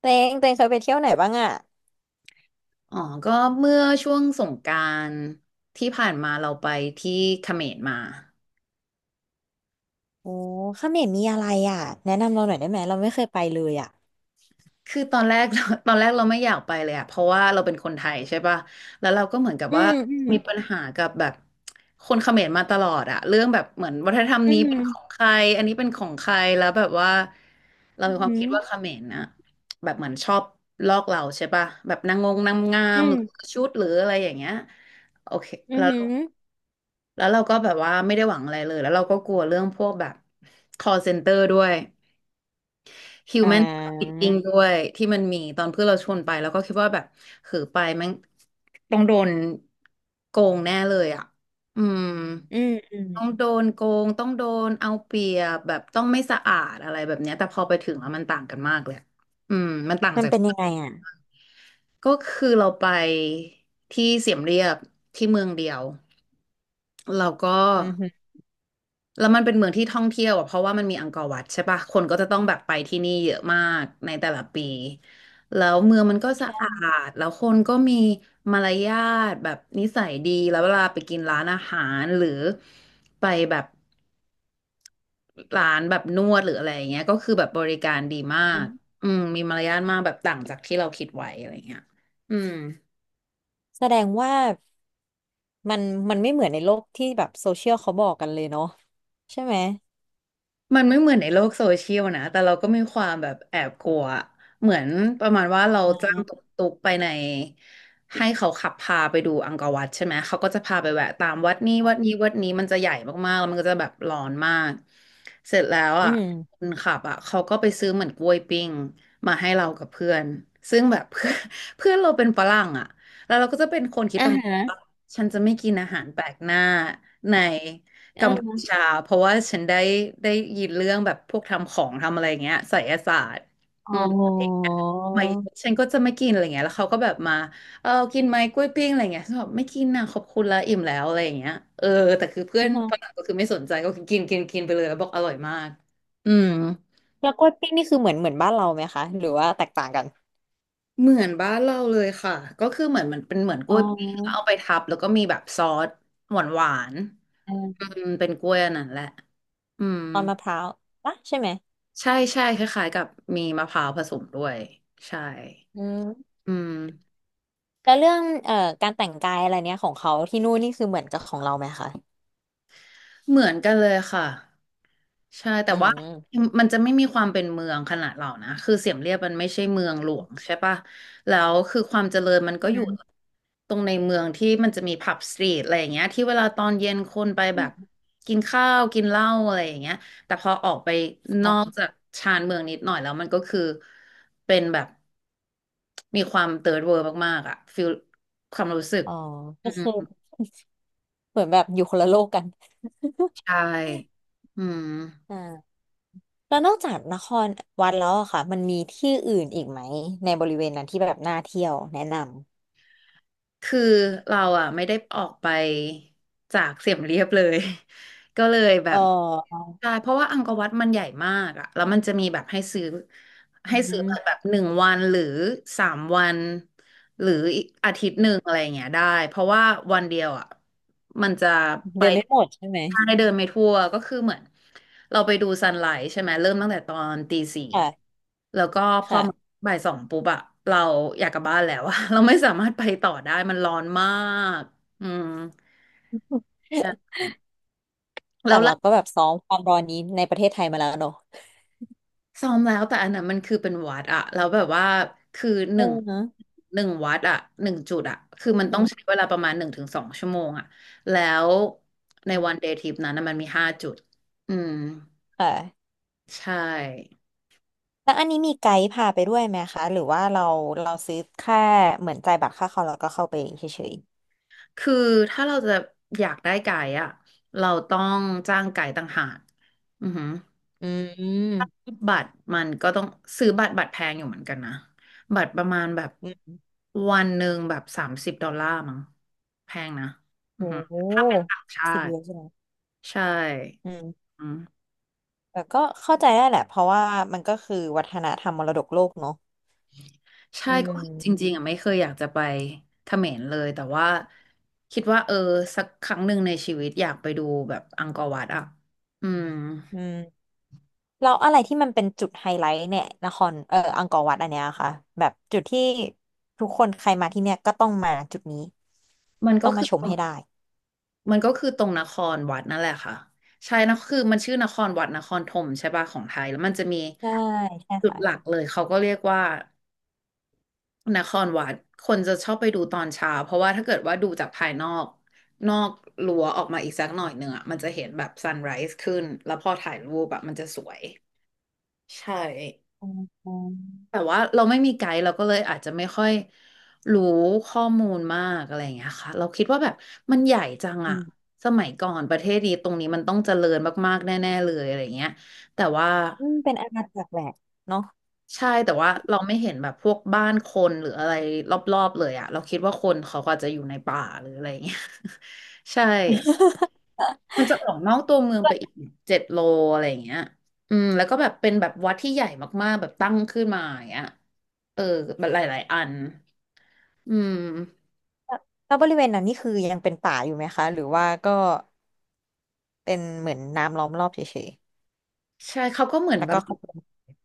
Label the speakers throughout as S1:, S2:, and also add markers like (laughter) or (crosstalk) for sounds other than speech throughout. S1: เตงเตงเคยไปเที่ยวไหนบ้างอ่ะ
S2: อ๋อก็เมื่อช่วงสงกรานต์ที่ผ่านมาเราไปที่เขมรมา
S1: โอ้เขมรมีอะไรอ่ะแนะนำเราหน่อยได้ไหมเราไม่เคยไปเลยอ่ะ
S2: คือตอนแรก (laughs) ตอนแรกเราไม่อยากไปเลยอะเพราะว่าเราเป็นคนไทยใช่ปะแล้วเราก็เหมือนกับ
S1: อื
S2: ว่า
S1: มอืม
S2: มีปัญหากับแบบคนเขมรมาตลอดอะเรื่องแบบเหมือนวัฒนธรรม
S1: อื
S2: นี้เป็นของใค
S1: ม
S2: รอันนี้เป็นของใครแล้วแบบว่าเรา
S1: อื
S2: มีความ
S1: ม
S2: คิดว่าเขมรนะแบบเหมือนชอบลอกเราใช่ปะแบบนางงงนางงา
S1: อื
S2: มหรือ
S1: ม
S2: ชุดหรืออะไรอย่างเงี้ยโอเค
S1: อืม
S2: แล้
S1: อ
S2: ว
S1: ม
S2: แล้วเราก็แบบว่าไม่ได้หวังอะไรเลยแล้วเราก็กลัวเรื่องพวกแบบ call center ด้วย
S1: อ่
S2: human
S1: า
S2: trafficking ด้วยที่มันมีตอนเพื่อนเราชวนไปแล้วก็คิดว่าแบบหือไปแมังต้องโดนโกงแน่เลยอ่ะอืม
S1: อืมอืม
S2: ต้องโดนโกงต้องโดนเอาเปรียบแบบต้องไม่สะอาดอะไรแบบเนี้ยแต่พอไปถึงแล้วมันต่างกันมากเลยอะอืมมันต่าง
S1: มัน
S2: จาก
S1: เป็นยังไงอ่ะ
S2: ก็คือเราไปที่เสียมเรียบที่เมืองเดียวเราก็
S1: อืมอืม
S2: แล้วมันเป็นเมืองที่ท่องเที่ยวอะเพราะว่ามันมีอังกอร์วัดใช่ปะคนก็จะต้องแบบไปที่นี่เยอะมากในแต่ละปี แล้วเมืองมันก็สะอาดแล้วคนก็มีมารยาทแบบนิสัยดี แล้วเวลาไปกินร้านอาหารหรือไปแบบร้านแบบนวดหรืออะไรอย่างเงี้ยก็คือแบบบริการดีมา
S1: อื
S2: ก
S1: ม
S2: อืมมีมารยาทมากแบบต่างจากที่เราคิดไว้อะไรอย่างเงี้ยอืม
S1: แสดงว่ามันมันไม่เหมือนในโลกที่แบบโซเชียลเขาบอกกันเลยเนาะใช่ไหม
S2: มันไม่เหมือนในโลกโซเชียลนะ แต่เราก็มีความแบบแอบกลัว เหมือนประมาณว่าเรา
S1: อ่า
S2: จ้างตุ๊กๆไปในให้เขาขับพาไปดูอังกอร์วัดใช่ไหม เขาก็จะพาไปแวะตามวัดนี้วัดนี้วัดนี้มันจะใหญ่มากๆแล้วมันก็จะแบบร้อนมาก เสร็จแล้ว
S1: อื
S2: อ่ะ
S1: ม
S2: คนขับอ่ะเขาก็ไปซื้อเหมือนกล้วยปิ้งมาให้เรากับเพื่อน ซึ่งแบบเพื่อน (laughs) เพื่อนเราเป็นฝรั่งอ่ะแล้วเราก็จะเป็นคนคิด
S1: อ่า
S2: ประมาณ
S1: ฮะ
S2: ว่าฉันจะไม่กินอาหารแปลกหน้าใน กัมพู
S1: อ่า
S2: ชาเพราะว่าฉันได้ยินเรื่องแบบพวกทำของทำอะไรอย่างเงี้ยไสยศาสตร์
S1: อ๋
S2: อื
S1: อ
S2: มอะไรอย่างเงี้ยไหมฉันก็จะไม่กินอะไรเงี้ยแล้วเขาก็แบบมาเออกินไหมกล้วยปิ้งอะไรเงี้ยฉันบอกไม่กินนะขอบคุณละอิ่มแล้วอะไรอย่างเงี้ยเออแต่คือเพื่อ
S1: อ่า
S2: น
S1: ฮะ
S2: ฝรั่งก็คือไม่สนใจก็คือกินกินกินไปเลยแล้วบอกอร่อยมากอืม
S1: แล้วกล้วยปิ้งนี่คือเหมือนบ้านเราไหมคะหรือว่าแตกต่างกัน
S2: เหมือนบ้านเราเลยค่ะก็คือเหมือนมันเป็นเหมือนก
S1: อ๋อ
S2: ล้วยปิ้งแล้วเอาไปทับแล้วก็มีแบบซอสหวานหวานอืมเป็นกล้วยอันนั้นแหละอืม
S1: ตอนมะพร้าวปะใช่ไหม
S2: ใช่ใช่คล้ายๆกับมีมะพร้าวผสมด้วยใช่
S1: อืม
S2: อืม
S1: แล้วเรื่องการแต่งกายอะไรเนี้ยของเขาที่นู่นนี่คือเหมือนกับของเราไหมคะ
S2: เหมือนกันเลยค่ะ ใช่แต่
S1: อื
S2: ว่า
S1: ม
S2: มันจะไม่มีความเป็นเมืองขนาดเรานะคือเสียมเรียบมันไม่ใช่เมืองหลวงใช่ปะแล้วคือความเจริญมัน
S1: อื
S2: ก็อยู่
S1: ม
S2: ตรงในเมืองที่มันจะมีผับสตรีทอะไรอย่างเงี้ยที่เวลาตอนเย็นคนไปแบบ
S1: อ
S2: กินข้าวกินเหล้าอะไรอย่างเงี้ยแต่พอออกไปน
S1: ๋
S2: อก
S1: อ
S2: จากชานเมืองนิดหน่อยแล้วมันก็คือเป็นแบบมีความเติร์ดเวิลด์มากๆอะฟิลความรู้สึก
S1: อ๋อ (laughs)
S2: อื
S1: ก็คือ
S2: ม
S1: เหมือนแบบอยู่คนละโลกกัน
S2: ใช่อืม
S1: อ่าแล้วนอกจากนครวัดแล้วอะค่ะมันมีที่อื่นอีกไหมในบริเวณนั้นที่แบบน่าเที่ยวแนะน
S2: คือเราอ่ะไม่ได้ออกไปจากเสียมเรียบเลย (laughs) ก็เลยแบ
S1: ำเ
S2: บ
S1: ออ
S2: ใช่เพราะว่าอังกอร์วัดมันใหญ่มากอะแล้วมันจะมีแบบให้ซื้อ
S1: อื
S2: ให้ซื้อแบ
S1: ม
S2: บ1 วันหรือ3 วันหรืออีกอาทิตย์หนึ่งอะไรอย่างเงี้ยได้เพราะว่าวันเดียวอะมันจะไป
S1: เดินไม่หมดใช่ไหม
S2: ทางได้เดินไม่ทั่วก็คือเหมือนเราไปดูซันไลท์ใช่ไหมเริ่มตั้งแต่ตอนตี 4
S1: ค่ะ
S2: แล้วก็พอ
S1: ค่ะ
S2: บ่าย 2ปุ๊บอะเราอยากกลับบ้านแล้วอะ (laughs) เราไม่สามารถไปต่อได้มันร้อนมากอืมใช่
S1: (laughs) แต่
S2: แล้ว
S1: เราก็แบบซ้อมความร้อนนี้ในประเทศไทยมาแล้วเนอะ
S2: ซ้อมแล้วแต่อันนั้นมันคือเป็นวัดอะแล้วแบบว่าคือห
S1: เอ
S2: นึ่ง
S1: อ
S2: หนึ่งวัดอะหนึ่งจุดอะคือมั
S1: อื
S2: นต้องใช้
S1: ม
S2: เวลาประมาณ1 ถึง 2 ชั่วโมงอะแล้วในวันเดย์ทริปนั้นน่ะมันมี5 จุดอืม
S1: ค่ะ
S2: ใช่
S1: แล้วอันนี้มีไกด์พาไปด้วยไหมคะหรือว่าเราเราซื้อแค่เหมือนจ่ายบัตรค่าเขาแล้วก็เข้าไปเฉย
S2: คือถ้าเราจะอยากได้ไก่อะเราต้องจ้างไก่ต่างหากอือหือ
S1: ๆอืม
S2: บัตรมันก็ต้องซื้อบัตรแพงอยู่เหมือนกันนะบัตรประมาณแบบ
S1: ๆอืม
S2: วันหนึ่งแบบ30 ดอลลาร์มั้งแพงนะอือ
S1: โอ้
S2: ฮึ
S1: โห
S2: ถ้าเป็นต่างชา
S1: สิบยู
S2: ติ
S1: โรใช่ไหม
S2: ใช่
S1: อืม
S2: อืม
S1: แต่ก็เข้าใจได้แหละเพราะว่ามันก็คือวัฒนธรรมมรดกโลกเนาะ
S2: ใช่
S1: อื
S2: ก็คือจริงๆ
S1: ม
S2: อ่ะไม่เคยอยากจะไปเขมรเลยแต่ว่าคิดว่าเออสักครั้งหนึ่งในชีวิตอยากไปดูแบบอังกอร์วัดอ่ะอืม
S1: อืมแล้วอะไรที่มันเป็นจุดไฮไลท์เนี่ยนครเอออังกอร์วัดอันเนี้ยค่ะแบบจุดที่ทุกคนใครมาที่เนี่ยก็ต้องมาจุดนี้
S2: มันก็
S1: ต้อง
S2: คื
S1: มา
S2: อ
S1: ชมให้ได้
S2: มันก็คือตรงนครวัดนั่นแหละค่ะใช่นะคือมันชื่อนครวัดนครธมใช่ป่ะของไทยแล้วมันจะมี
S1: ใช่ใช่
S2: จุด
S1: ค่ะ
S2: หลักเลยเขาก็เรียกว่านครวัดคนจะชอบไปดูตอนเช้าเพราะว่าถ้าเกิดว่าดูจากภายนอกรั้วออกมาอีกสักหน่อยหนึ่งอ่ะมันจะเห็นแบบซันไร s ์ขึ้นแล้วพอถ่ายรูปแบบมันจะสวยใช่
S1: อ
S2: แต่ว่าเราไม่มีไกด์เราก็เลยอาจจะไม่ค่อยรู้ข้อมูลมากอะไรอย่างเงี้ยค่ะเราคิดว่าแบบมันใหญ่จัง
S1: ื
S2: อะ
S1: ม
S2: สมัยก่อนประเทศนี้ตรงนี้มันต้องเจริญมากๆแน่ๆเลยอะไรอย่างเงี้ยแต่ว่า
S1: อืมเป็นอาณาจักรแหละเนาะ
S2: ใช่แต่ว่าเราไม่เห็นแบบพวกบ้านคนหรืออะไรรอบๆเลยอะเราคิดว่าคนเขาก็อาจจะอยู่ในป่าหรืออะไรอย่างเงี้ย (laughs) ใช่
S1: (laughs)
S2: มันจะออกนอกตัวเมืองไปอีก7 โลอะไรอย่างเงี้ยอืมแล้วก็แบบเป็นแบบวัดที่ใหญ่มากๆแบบตั้งขึ้นมาอย่างเงี้ยเออแบบหลายๆอัน อืม
S1: แล้วบริเวณนั้นนี่คือยังเป็นป่าอยู่ไหมคะหรือว่าก็เป็นเหมือนน้ำล้อมรอบเฉย
S2: ใช่เขาก็เหมื
S1: ๆ
S2: อน
S1: แล้วก็
S2: บำรุ
S1: เข้า
S2: ง
S1: ไป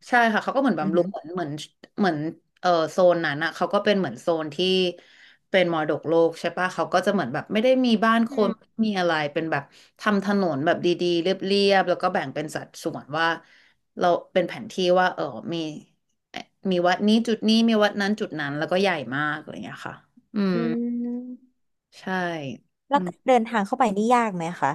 S2: ใช่ค่ะเขาก็เหมือน
S1: อือ
S2: บำรุ
S1: หื
S2: ง
S1: อ
S2: เหมือนเออโซนนั้นอ่ะเขาก็เป็นเหมือนโซนที่เป็นมรดกโลกใช่ปะเขาก็จะเหมือนแบบไม่ได้มีบ้าน
S1: อื
S2: คน
S1: ม
S2: ไม่มีอะไรเป็นแบบทำถนนแบบดีๆเรียบๆแล้วก็แบ่งเป็นสัดส่วนว่าเราเป็นแผนที่ว่าเออมีเอ่อมีวัดนี้จุดนี้มีวัดนั้นจุดนั้นแล้วก็ใหญ่มากอะไรอย่างเงี้ยค่ะอืม
S1: อืม
S2: ใช่
S1: แล้
S2: อื
S1: ว
S2: ม
S1: การเดินทางเข้าไปนี่ยากไหมคะ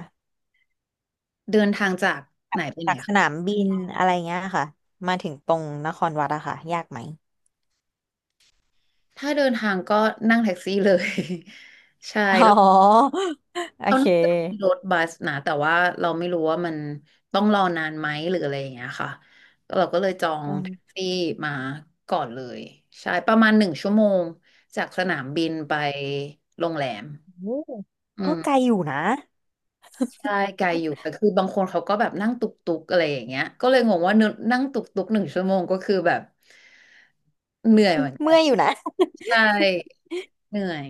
S2: เดินทางจากไหนไปไห
S1: จา
S2: น
S1: กสนามบินอะไรเงี้ยค่ะมาถึงตรงนครวัดอะค่ะยากไหม
S2: ถ้าเดินทางก็นั่งแท็กซี่เลย (laughs) ใช่
S1: อ๋
S2: แล้ว
S1: อโอ
S2: เรา
S1: เ
S2: น่าจะมีร
S1: ค
S2: ถบัสนะแต่ว่าเราไม่รู้ว่ามันต้องรอนานไหมหรืออะไรอย่างเงี้ยค่ะเราก็เลยจอง
S1: อืม
S2: แท็กซี่มาก่อนเลยใช่ประมาณหนึ่งชั่วโมงจากสนามบินไปโรงแรม
S1: โอ้
S2: อื
S1: ก็
S2: ม
S1: ไกลอยู่นะ
S2: ใช่ไกลอยู่แต่คือบางคนเขาก็แบบนั่งตุกตุกอะไรอย่างเงี้ยก็เลยงงว่าเนอะนั่งตุกตุกหนึ่งชั่วโมงก็คือแบบเหนื่อยเหมือนกั
S1: เมื่
S2: น
S1: อยอยู่นะ
S2: ใช่เหนื่อย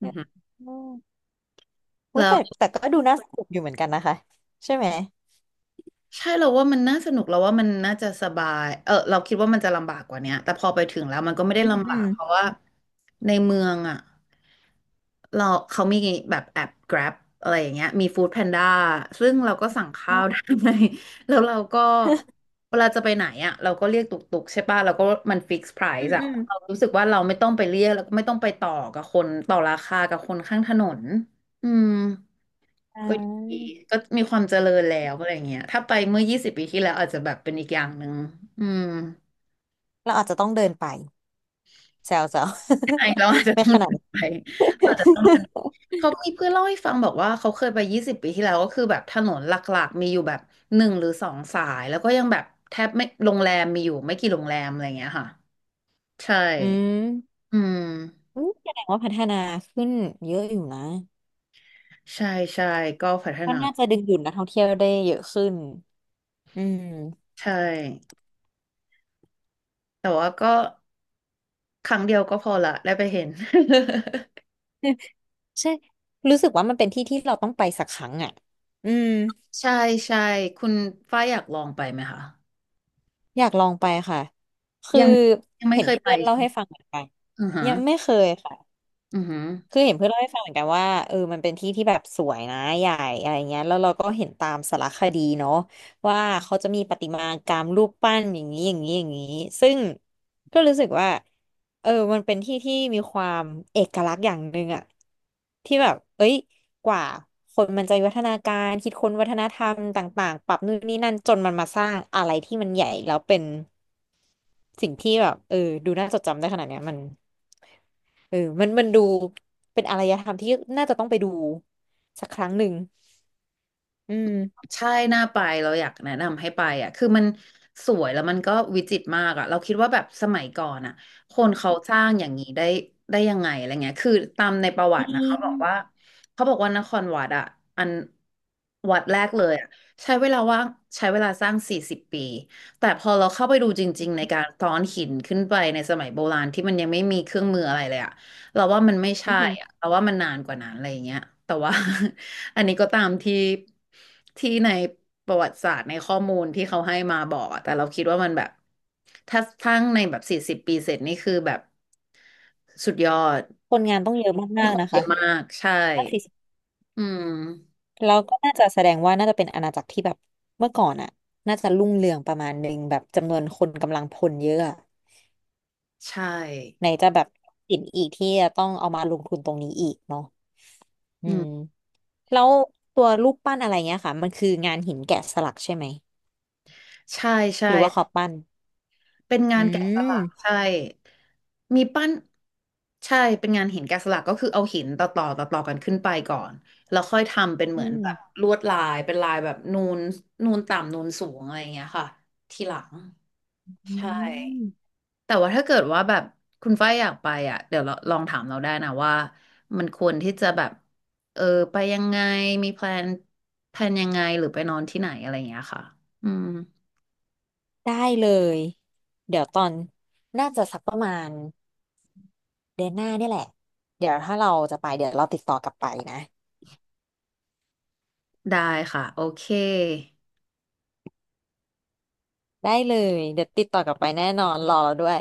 S2: อือ
S1: (laughs)
S2: ฮึ
S1: อืมโอ้ย
S2: แล้ว
S1: แต่ก็ดูน่าสนุกอยู่เหมือนกันนะคะใช่ไหม
S2: ใช่เราว่ามันน่าสนุกเราว่ามันน่าจะสบายเออเราคิดว่ามันจะลำบากกว่าเนี้ยแต่พอไปถึงแล้วมันก็ไม่ได้
S1: อืม
S2: ลำ
S1: อื
S2: บา
S1: ม
S2: กเพราะว่าในเมืองอ่ะเราเขามีแบบแอป Grab อะไรอย่างเงี้ยมี Food Panda ซึ่งเราก็สั่ง
S1: อ๋
S2: ข้า
S1: อ
S2: วได้ (laughs) แล้วเราก็เวลาจะไปไหนอ่ะเราก็เรียกตุกตุกใช่ป่ะเราก็มันฟิกซ์ไพร
S1: อืม
S2: ซ์อ่ะ
S1: อืม
S2: เรารู้สึกว่าเราไม่ต้องไปเรียกแล้วก็ไม่ต้องไปต่อกับคนต่อราคากับคนข้างถนนอืม
S1: อ่
S2: ก็ดี
S1: า
S2: ก็มีความเจริญแล้วอะไรเงี้ยถ้าไปเมื่อยี่สิบปีที่แล้วอาจจะแบบเป็นอีกอย่างหนึ่งอืม
S1: เราอาจจะต้องเดินไปแซวแซว
S2: ใช่เราอาจ
S1: (laughs)
S2: จะ
S1: ไม่
S2: ต้อง
S1: ขนาด
S2: เดิน
S1: นั้น
S2: ไปอาจจะต้องเดิน
S1: (laughs)
S2: เขามีเพื่อนเล่าให้ฟังบอกว่าเขาเคยไปยี่สิบปีที่แล้วก็คือแบบถนนหลักๆมีอยู่แบบ1 หรือ 2 สายแล้วก็ยังแบบแทบไม่โรงแรมมีอยู่ไม่กี่โรงแรมอะไรเงี้ยค่ะใช่
S1: อืม
S2: อืม
S1: อืมแสดงว่าพัฒนาขึ้นเยอะอยู่นะ
S2: ใช่ใช่ก็พัฒ
S1: ก็
S2: นา
S1: น่าจะดึงดูดนักท่องเที่ยวได้เยอะขึ้นอืม
S2: ใช่แต่ว่าก็ครั้งเดียวก็พอละได้ไปเห็น
S1: (laughs) ใช่รู้สึกว่ามันเป็นที่ที่เราต้องไปสักครั้งอ่ะอืม
S2: ใช่ใช่คุณฝ้ายอยากลองไปไหมคะ
S1: อยากลองไปค่ะคือ
S2: ยังยังไม่
S1: เห็น
S2: เคยไป
S1: เพื่อนเล่า
S2: ใช่ไหม
S1: ให้ฟังเหมือนกัน
S2: อือฮะ
S1: ยังไม่เคยค่ะ
S2: อือฮะ
S1: คือเห็นเพื่อนเล่าให้ฟังเหมือนกันว่าเออมันเป็นที่ที่แบบสวยนะใหญ่อะไรเงี้ยแล้วเราก็เห็นตามสารคดีเนาะว่าเขาจะมีประติมากรรมรูปปั้นอย่างนี้อย่างนี้อย่างนี้ซึ่งก็รู้สึกว่าเออมันเป็นที่ที่มีความเอกลักษณ์อย่างหนึ่งอะที่แบบเอ้ยกว่าคนมันจะวิวัฒนาการคิดค้นวัฒนธรรมต่างๆปรับนู่นนี่นั่นจนมันมาสร้างอะไรที่มันใหญ่แล้วเป็นสิ่งที่แบบเออดูน่าจดจำได้ขนาดเนี้ยมัน เออมันดูเป็นอารยธรรมที่น่าจะต้องไปดูสักครั้งหนึ่งอืม
S2: ใช่น่าไปเราอยากแนะนำให้ไปอ่ะคือมันสวยแล้วมันก็วิจิตรมากอ่ะเราคิดว่าแบบสมัยก่อนอ่ะคนเขาสร้างอย่างนี้ได้ยังไงอะไรเงี้ยคือตามในประ
S1: จ
S2: วั
S1: ริ
S2: ตินะเขา
S1: ง
S2: บอกว่าเขาบอกว่านครวัดอ่ะอันวัดแรกเลยอ่ะใช้เวลาว่างใช้เวลาสร้างสี่สิบปีแต่พอเราเข้าไปดูจริงๆในการซ้อนหินขึ้นไปในสมัยโบราณที่มันยังไม่มีเครื่องมืออะไรเลยอะ เราว่ามันไม่
S1: อื
S2: ใช่
S1: อหือ
S2: อะเราว่ามันนานกว่านั้นอะไรอย่างเงี้ยแต่ว่า (laughs) อันนี้ก็ตามที่ในประวัติศาสตร์ในข้อมูลที่เขาให้มาบอกอะแต่เราคิดว่ามันแบบถ้าทั้งในแบบสี่สิบปีเสร็จนี่คือแบบสุดยอด
S1: คนงานต้องเยอะ
S2: มี
S1: มาก
S2: ค
S1: ๆ
S2: น
S1: นะ
S2: เย
S1: คะ
S2: อะมากใช่
S1: น่าสิ
S2: อืม
S1: แล้วก็น่าจะแสดงว่าน่าจะเป็นอาณาจักรที่แบบเมื่อก่อนอ่ะน่าจะรุ่งเรืองประมาณหนึ่งแบบจำนวนคนกำลังพลเยอะอะ
S2: ใช่
S1: ไหนจะแบบสินอีกที่จะต้องเอามาลงทุนตรงนี้อีกเนาะอื
S2: อื
S1: ม
S2: ม
S1: แล้วตัวรูปปั้นอะไรเงี้ยค่ะมันคืองานหินแกะสลักใช่ไหม
S2: ใช่
S1: ห
S2: ใช่
S1: รือว่าเขาปั้น
S2: เป็นงา
S1: อื
S2: นแกะสลัก
S1: ม
S2: ใช่ มีปั้นใช่เป็นงานหินแกะสลักก็คือเอาหินต่อต่อต่อต่อกันขึ้นไปก่อนแล้วค่อยทำเป็นเห
S1: อื
S2: มือน
S1: ม
S2: แบบลวดลายเป็นลายแบบนูนนูนต่ำนูนสูงอะไรอย่างเงี้ยค่ะทีหลัง
S1: อื
S2: ใช่
S1: ม
S2: แต่ว่าถ้าเกิดว่าแบบคุณฝ้ายอยากไปอ่ะเดี๋ยวเราลองถามเราได้นะว่ามันควรที่จะแบบเออไปยังไงมีแพลนยังไงหรือไปนอนที่ไหนอะไรอย่างเงี้ยค่ะอืม
S1: ได้เลยเดี๋ยวตอนน่าจะสักประมาณเดือนหน้าเนี่ยแหละเดี๋ยวถ้าเราจะไปเดี๋ยวเราติดต่อกลับไปนะ
S2: ได้ค่ะโอเค
S1: ได้เลยเดี๋ยวติดต่อกลับไปแน่นอนรอเราด้วย